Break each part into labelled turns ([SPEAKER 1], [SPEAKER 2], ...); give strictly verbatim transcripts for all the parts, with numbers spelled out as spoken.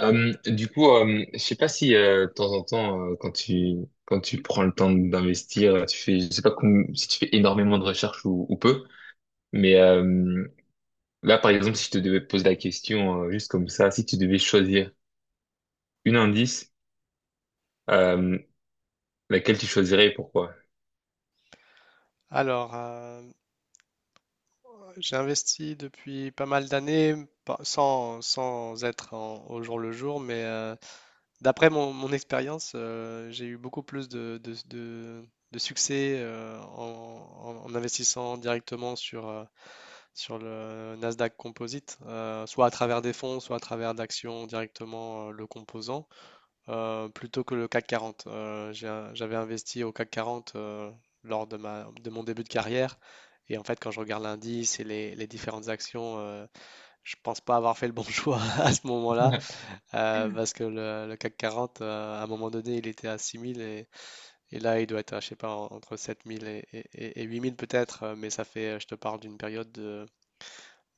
[SPEAKER 1] Euh, du coup, euh, je sais pas si euh, de temps en temps, euh, quand tu quand tu prends le temps d'investir, tu fais, je sais pas com- si tu fais énormément de recherches ou, ou peu, mais euh, là, par exemple, si je te devais poser la question euh, juste comme ça, si tu devais choisir une indice, euh, laquelle tu choisirais et pourquoi?
[SPEAKER 2] Alors, euh, j'ai investi depuis pas mal d'années, pas- sans, sans être en- au jour le jour, mais euh, d'après mon, mon expérience, euh, j'ai eu beaucoup plus de, de- de- de succès euh, en, en- en investissant directement sur, euh, sur le Nasdaq Composite, euh, soit à travers des fonds, soit à travers d'actions directement, euh, le composant, euh, plutôt que le C A C quarante. Euh, j'ai un- j'avais investi au C A C quarante, euh, lors de ma, de mon début de carrière. Et en fait, quand je regarde l'indice et les, les différentes actions, euh, je pense pas avoir fait le bon choix à ce moment-là, euh, parce que le, le C A C quarante, euh, à un moment donné, il était à six mille et, et là, il doit être à, je sais pas, en- entre sept mille et, et, et- et huit mille peut-être, euh, mais ça fait, euh, je te parle d'une période de,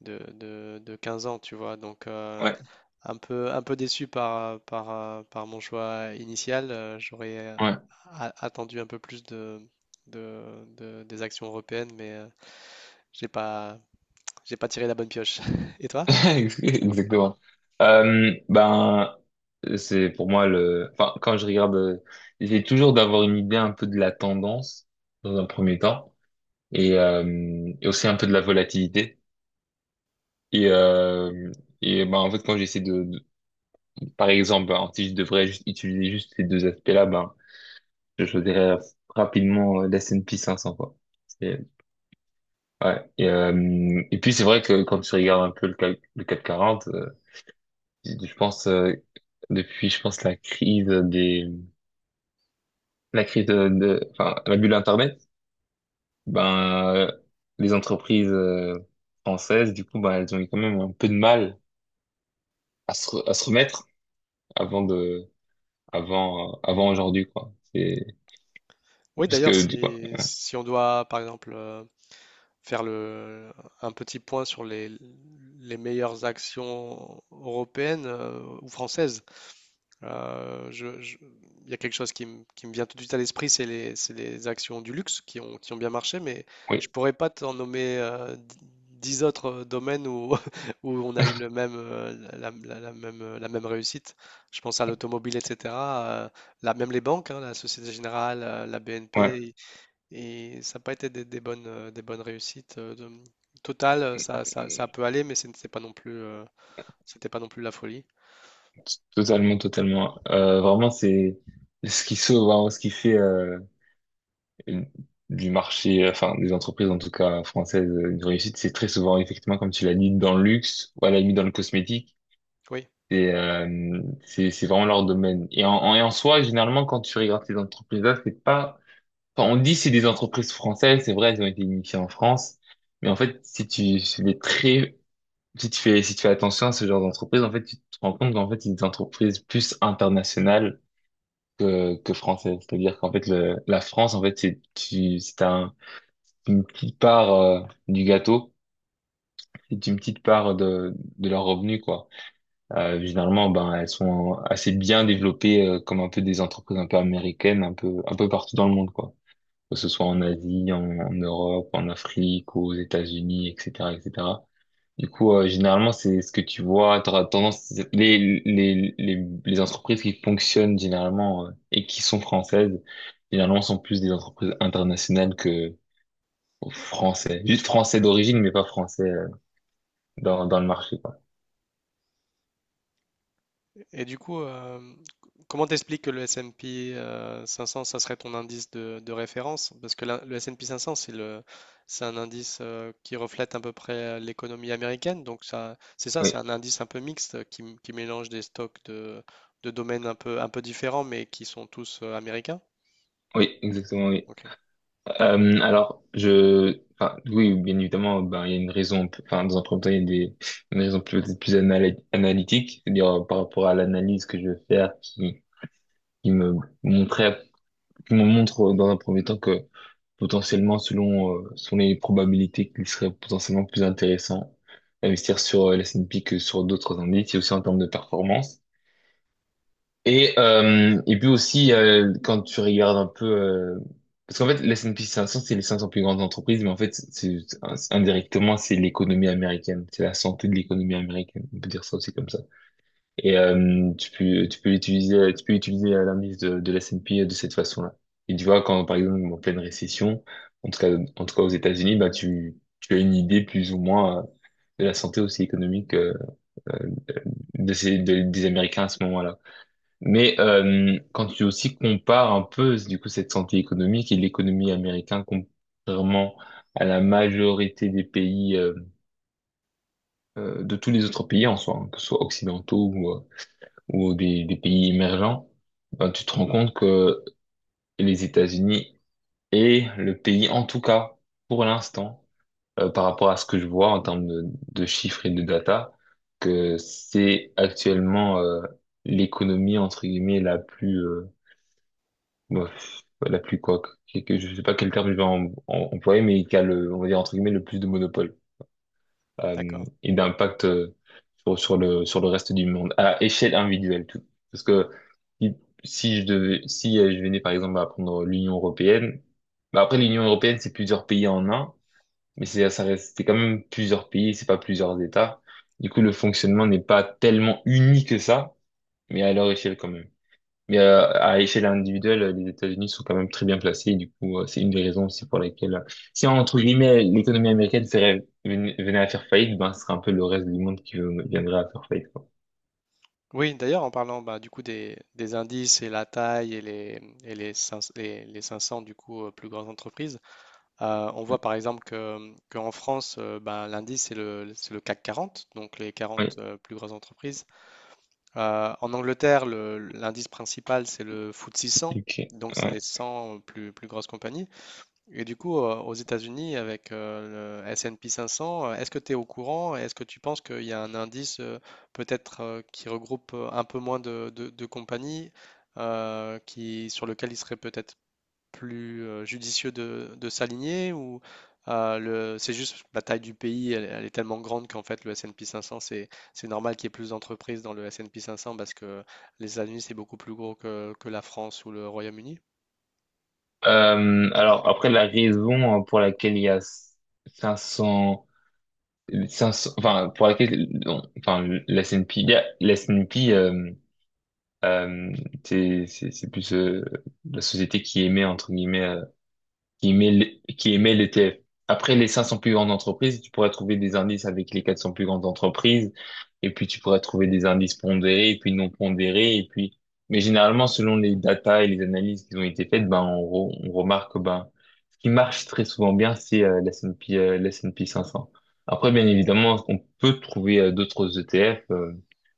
[SPEAKER 2] de, de, de quinze ans, tu vois. Donc, euh,
[SPEAKER 1] Ouais,
[SPEAKER 2] un peu, un peu déçu par, par, euh, par mon choix initial. Euh, J'aurais euh,
[SPEAKER 1] ouais,
[SPEAKER 2] a- attendu un peu plus de, de, de- des actions européennes, mais euh, j'ai pas, j'ai pas tiré la bonne pioche. Et toi?
[SPEAKER 1] ouais. Exactement. Euh, ben, c'est pour moi le. Enfin, quand je regarde, euh, j'essaie toujours d'avoir une idée un peu de la tendance dans un premier temps. et, euh, et aussi un peu de la volatilité. Et, euh, et ben, en fait, quand j'essaie de, de- par exemple, ben, si je devrais juste utiliser juste ces deux aspects-là, ben, je choisirais rapidement l'S and P cinq cents, quoi. C'est- Et, euh, et puis, c'est vrai que quand tu regardes un peu le, cal- le CAC quarante, euh, je pense, euh, depuis, je pense, la crise des, la crise de, de- enfin, la bulle Internet, ben, euh, les entreprises, euh, françaises, du coup, ben, elles ont eu quand même un peu de mal à se, re- à se remettre avant de avant euh, avant aujourd'hui quoi. C'est
[SPEAKER 2] Oui,
[SPEAKER 1] parce
[SPEAKER 2] d'ailleurs,
[SPEAKER 1] que du coup,
[SPEAKER 2] si, si on doit, par exemple, euh, faire le, un petit point sur les, les meilleures actions européennes, euh, ou françaises. Euh, je- je- Il y a quelque chose qui, me qui me vient tout de suite à l'esprit, c'est les, c'est les actions du luxe qui ont, qui ont bien marché, mais je
[SPEAKER 1] oui.
[SPEAKER 2] pourrais pas t'en nommer euh, d- dix autres euh, domaines où, où on a eu le même, euh, la, la- la même, la même réussite. Je pense à l'automobile, et cetera euh, là, même les banques, hein, la Société Générale, euh, la
[SPEAKER 1] Ouais,
[SPEAKER 2] B N P, et ça n'a pas été des, des bonnes, euh, des bonnes réussites. euh, de- Total, euh, ça, ça, ça peut aller, mais ce n'était pas non plus, euh, c'était pas non plus la folie.
[SPEAKER 1] totalement, totalement. Euh, vraiment, c'est ce qui sauve, vraiment, ce qui fait euh, du marché, enfin des entreprises en tout cas françaises, euh, une réussite, c'est très souvent effectivement comme tu l'as dit dans le luxe ou à la limite dans le cosmétique.
[SPEAKER 2] Oui.
[SPEAKER 1] C'est euh, c'est c'est vraiment leur domaine. Et en, en- et en soi, généralement, quand tu regardes ces entreprises-là, c'est pas. Enfin, on dit c'est des entreprises françaises, c'est vrai, elles ont été initiées en France, mais en fait, si tu fais très, si tu fais, si tu fais attention à ce genre d'entreprise, en fait, tu te rends compte qu'en fait, c'est des entreprises plus internationales que, que françaises. C'est-à-dire qu'en fait, le, la France, en fait, c'est, tu, c'est un, une petite part euh, du gâteau. C'est une petite part de, de leurs revenus, quoi. Euh, généralement, ben, elles sont assez bien développées, euh, comme un peu des entreprises un peu américaines, un peu, un peu partout dans le monde, quoi. Que ce soit en Asie, en, en Europe, en Afrique, aux États-Unis, et cetera, et cetera. Du coup, euh, généralement, c'est ce que tu vois, t'auras tendance, les, les, les, les entreprises qui fonctionnent généralement euh, et qui sont françaises, généralement sont plus des entreprises internationales que français. Juste français d'origine, mais pas français euh, dans, dans le marché, quoi.
[SPEAKER 2] Et du coup, euh, comment t'expliques que le S et P euh, cinq cents, ça serait ton indice de, de référence? Parce que la- le S et P cinq cents, c'est le, c'est un indice, euh, qui reflète à peu près l'économie américaine. Donc ça, c'est ça, c'est
[SPEAKER 1] Oui,
[SPEAKER 2] un indice un peu mixte, euh, qui, m- qui mélange des stocks de, de domaines un peu, un peu différents, mais qui sont tous euh, américains.
[SPEAKER 1] oui, exactement, oui.
[SPEAKER 2] Ok,
[SPEAKER 1] Euh, alors, je, enfin, oui, bien évidemment, ben, il y a une raison, enfin, dans un premier temps, il y a des, une raison plus, plus anal- analytique, c'est-à-dire, euh, par rapport à l'analyse que je veux faire, qui, qui me montrait, qui me montre, euh, dans un premier temps que potentiellement, selon, euh, selon les probabilités, qu'il serait potentiellement plus intéressant d'investir sur euh, l'S et P que sur d'autres indices, et aussi en termes de performance. Et, euh, et puis aussi, euh, quand tu regardes un peu... euh, parce qu'en fait, l'S and P cinq cents, c'est les cinq cents plus grandes entreprises, mais en fait, c'est c'est- indirectement, c'est l'économie américaine. C'est la santé de l'économie américaine. On peut dire ça aussi comme ça. Et euh, tu peux, tu peux utiliser, tu peux utiliser l'indice de, de l'S and P de cette façon-là. Et tu vois, quand, par exemple, en pleine récession, en tout cas, en tout cas aux États-Unis, bah, tu, tu as une idée plus ou moins euh, de la santé aussi économique euh, de ces, de- des Américains à ce moment-là. Mais euh, quand tu aussi compares un peu du coup cette santé économique et l'économie américaine contrairement à la majorité des pays, euh, euh, de tous les autres pays en soi, hein, que ce soit occidentaux ou, euh, ou des, des pays émergents, ben, tu te rends compte que les États-Unis est le pays en tout cas pour l'instant euh, par rapport à ce que je vois en termes de, de chiffres et de data, que c'est actuellement euh, l'économie entre guillemets la plus, euh, bah, la plus quoi, que, que- je sais pas quel terme je vais em- em- employer, mais qui a le, on va dire entre guillemets, le plus de monopole euh,
[SPEAKER 2] d'accord.
[SPEAKER 1] et d'impact euh, sur, sur le sur le reste du monde à échelle individuelle tout. Parce que si, si je devais, si euh, je venais par exemple à prendre l'Union européenne, bah après l'Union européenne c'est plusieurs pays en un, mais c'est ça reste c'est quand même plusieurs pays, c'est pas plusieurs États. Du coup le fonctionnement n'est pas tellement uni que ça, mais à leur échelle quand même. Mais euh, à échelle individuelle, euh, les États-Unis sont quand même très bien placés. Et du coup, euh, c'est une des raisons aussi pour lesquelles, euh, si entre guillemets l'économie américaine serait, ven- venait à faire faillite, ben ce serait un peu le reste du monde qui euh, viendrait à faire faillite, quoi.
[SPEAKER 2] Oui, d'ailleurs, en parlant, bah, du coup, des, des indices et la taille, et les, et les, cinq cents, les- les cinq cents, du coup, euh, plus grandes entreprises. Euh, on voit par exemple que, qu'en France, euh, bah, l'indice, c'est le, c'est le C A C quarante, donc les
[SPEAKER 1] Oui,
[SPEAKER 2] quarante, euh, plus grosses entreprises. Euh, en Angleterre, le- l'indice principal, c'est le F T S E cent,
[SPEAKER 1] ok.
[SPEAKER 2] donc c'est les
[SPEAKER 1] Ouais.
[SPEAKER 2] cent plus, plus grosses compagnies. Et du coup, euh, aux États-Unis, avec euh, le S et P cinq cents, euh, est-ce que tu es au courant? Et est-ce que tu penses qu'il y a un indice, euh, peut-être, euh, qui regroupe euh, un peu moins de, de- de compagnies, euh, qui, sur lequel il serait peut-être plus euh, judicieux de, de s'aligner, ou euh, le, c'est juste la taille du pays, elle, elle est tellement grande qu'en fait le S P cinq cents, c'est, c'est normal qu'il y ait plus d'entreprises dans le S P cinq cents, parce que les États-Unis, c'est beaucoup plus gros que, que la France ou le Royaume-Uni.
[SPEAKER 1] Euh, alors après la raison, euh, pour laquelle il y a cinq cents, cinq cents enfin pour laquelle, non, enfin l'S and P, il y a- l'S et P, euh, euh, c'est c'est c'est plus, euh, la société qui émet entre guillemets euh, qui émet le- qui émet le l'E T F. Après les cinq cents plus grandes entreprises, tu pourrais trouver des indices avec les quatre cents plus grandes entreprises, et puis tu pourrais trouver des indices pondérés, et puis non pondérés, et puis. Mais généralement, selon les data et les analyses qui ont été faites, ben on, re- on remarque que ben ce qui marche très souvent bien, c'est euh, l'S and P euh, l'S and P cinq cents. Après, bien évidemment, on peut trouver euh, d'autres E T F, euh,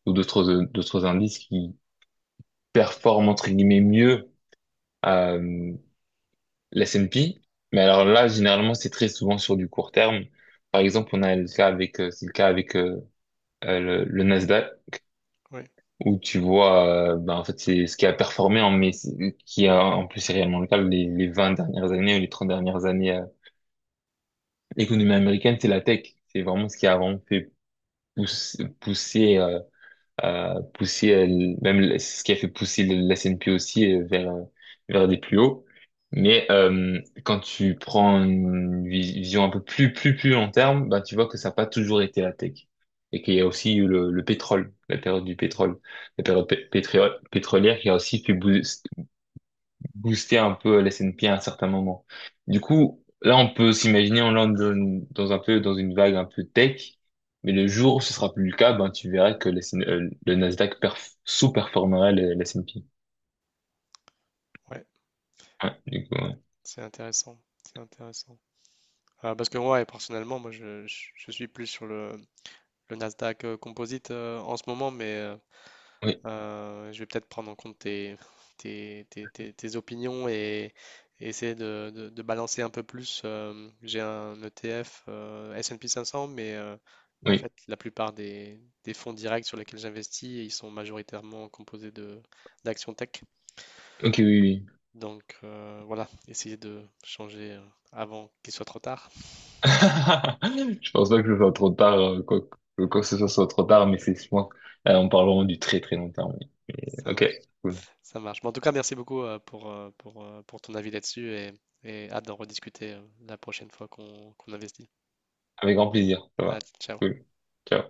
[SPEAKER 1] ou d'autres euh, d'autres indices qui performent entre guillemets mieux. Euh, L'S and P. Mais alors là, généralement, c'est très souvent sur du court terme. Par exemple, on a le cas avec, euh, c'est le cas avec euh, euh, le, le Nasdaq,
[SPEAKER 2] Oui,
[SPEAKER 1] où tu vois, euh, ben, en fait, c'est ce qui a performé, en, mais c'est- qui a, en plus, c'est réellement le cas, les, les vingt dernières années ou les trente dernières années, euh, l'économie américaine, c'est la tech. C'est vraiment ce qui a vraiment fait pousser pousser, euh, pousser euh, le- même le- c'est ce qui a fait pousser le- la C N P aussi, euh, vers euh, vers des plus hauts. Mais euh, quand tu prends une vis- vision un peu plus plus plus long terme, bah tu vois que ça n'a pas toujours été la tech et qu'il y a aussi eu le, le pétrole, la période du pétrole, la période pé- pétriole- pétrolière qui a aussi fait bou- booster un peu la S and P à un certain moment. Du coup, là, on peut s'imaginer, on lance dans, dans un peu, dans une vague un peu tech, mais le jour où ce sera plus le cas, ben, tu verras que la S et P, euh, le Nasdaq perf- sous-performera le, la S et P.
[SPEAKER 2] ouais,
[SPEAKER 1] Ouais, du coup, ouais.
[SPEAKER 2] c'est intéressant. C'est intéressant. Euh, parce que ouais, personnellement, moi, je, je- je suis plus sur le, le Nasdaq euh, Composite, euh, en ce moment, mais euh,
[SPEAKER 1] Oui,
[SPEAKER 2] euh, je vais peut-être prendre en compte tes, tes, tes- tes- tes opinions et, et essayer de, de- de balancer un peu plus. euh, j'ai un E T F, euh, S et P cinq cents, mais euh, en
[SPEAKER 1] oui.
[SPEAKER 2] fait, la plupart des, des fonds directs sur lesquels j'investis, ils sont majoritairement composés de d'actions tech.
[SPEAKER 1] Ok, oui, oui.
[SPEAKER 2] Donc, euh, voilà, essayer de changer euh, avant qu'il soit trop tard.
[SPEAKER 1] Je pense pas que ce soit trop tard, euh, quoi, que, quoi que ce soit, soit trop tard, mais c'est, je pense, euh, on parle vraiment du très très long terme.
[SPEAKER 2] Ça
[SPEAKER 1] Ok,
[SPEAKER 2] marche.
[SPEAKER 1] cool.
[SPEAKER 2] Ça marche. Mais en tout cas, merci beaucoup, euh, pour, euh, pour, euh, pour ton avis là-dessus et, et hâte d'en rediscuter euh, la prochaine fois qu'on qu'on investit.
[SPEAKER 1] Avec grand plaisir, ça
[SPEAKER 2] Ah,
[SPEAKER 1] va.
[SPEAKER 2] ciao.
[SPEAKER 1] Cool. Ciao.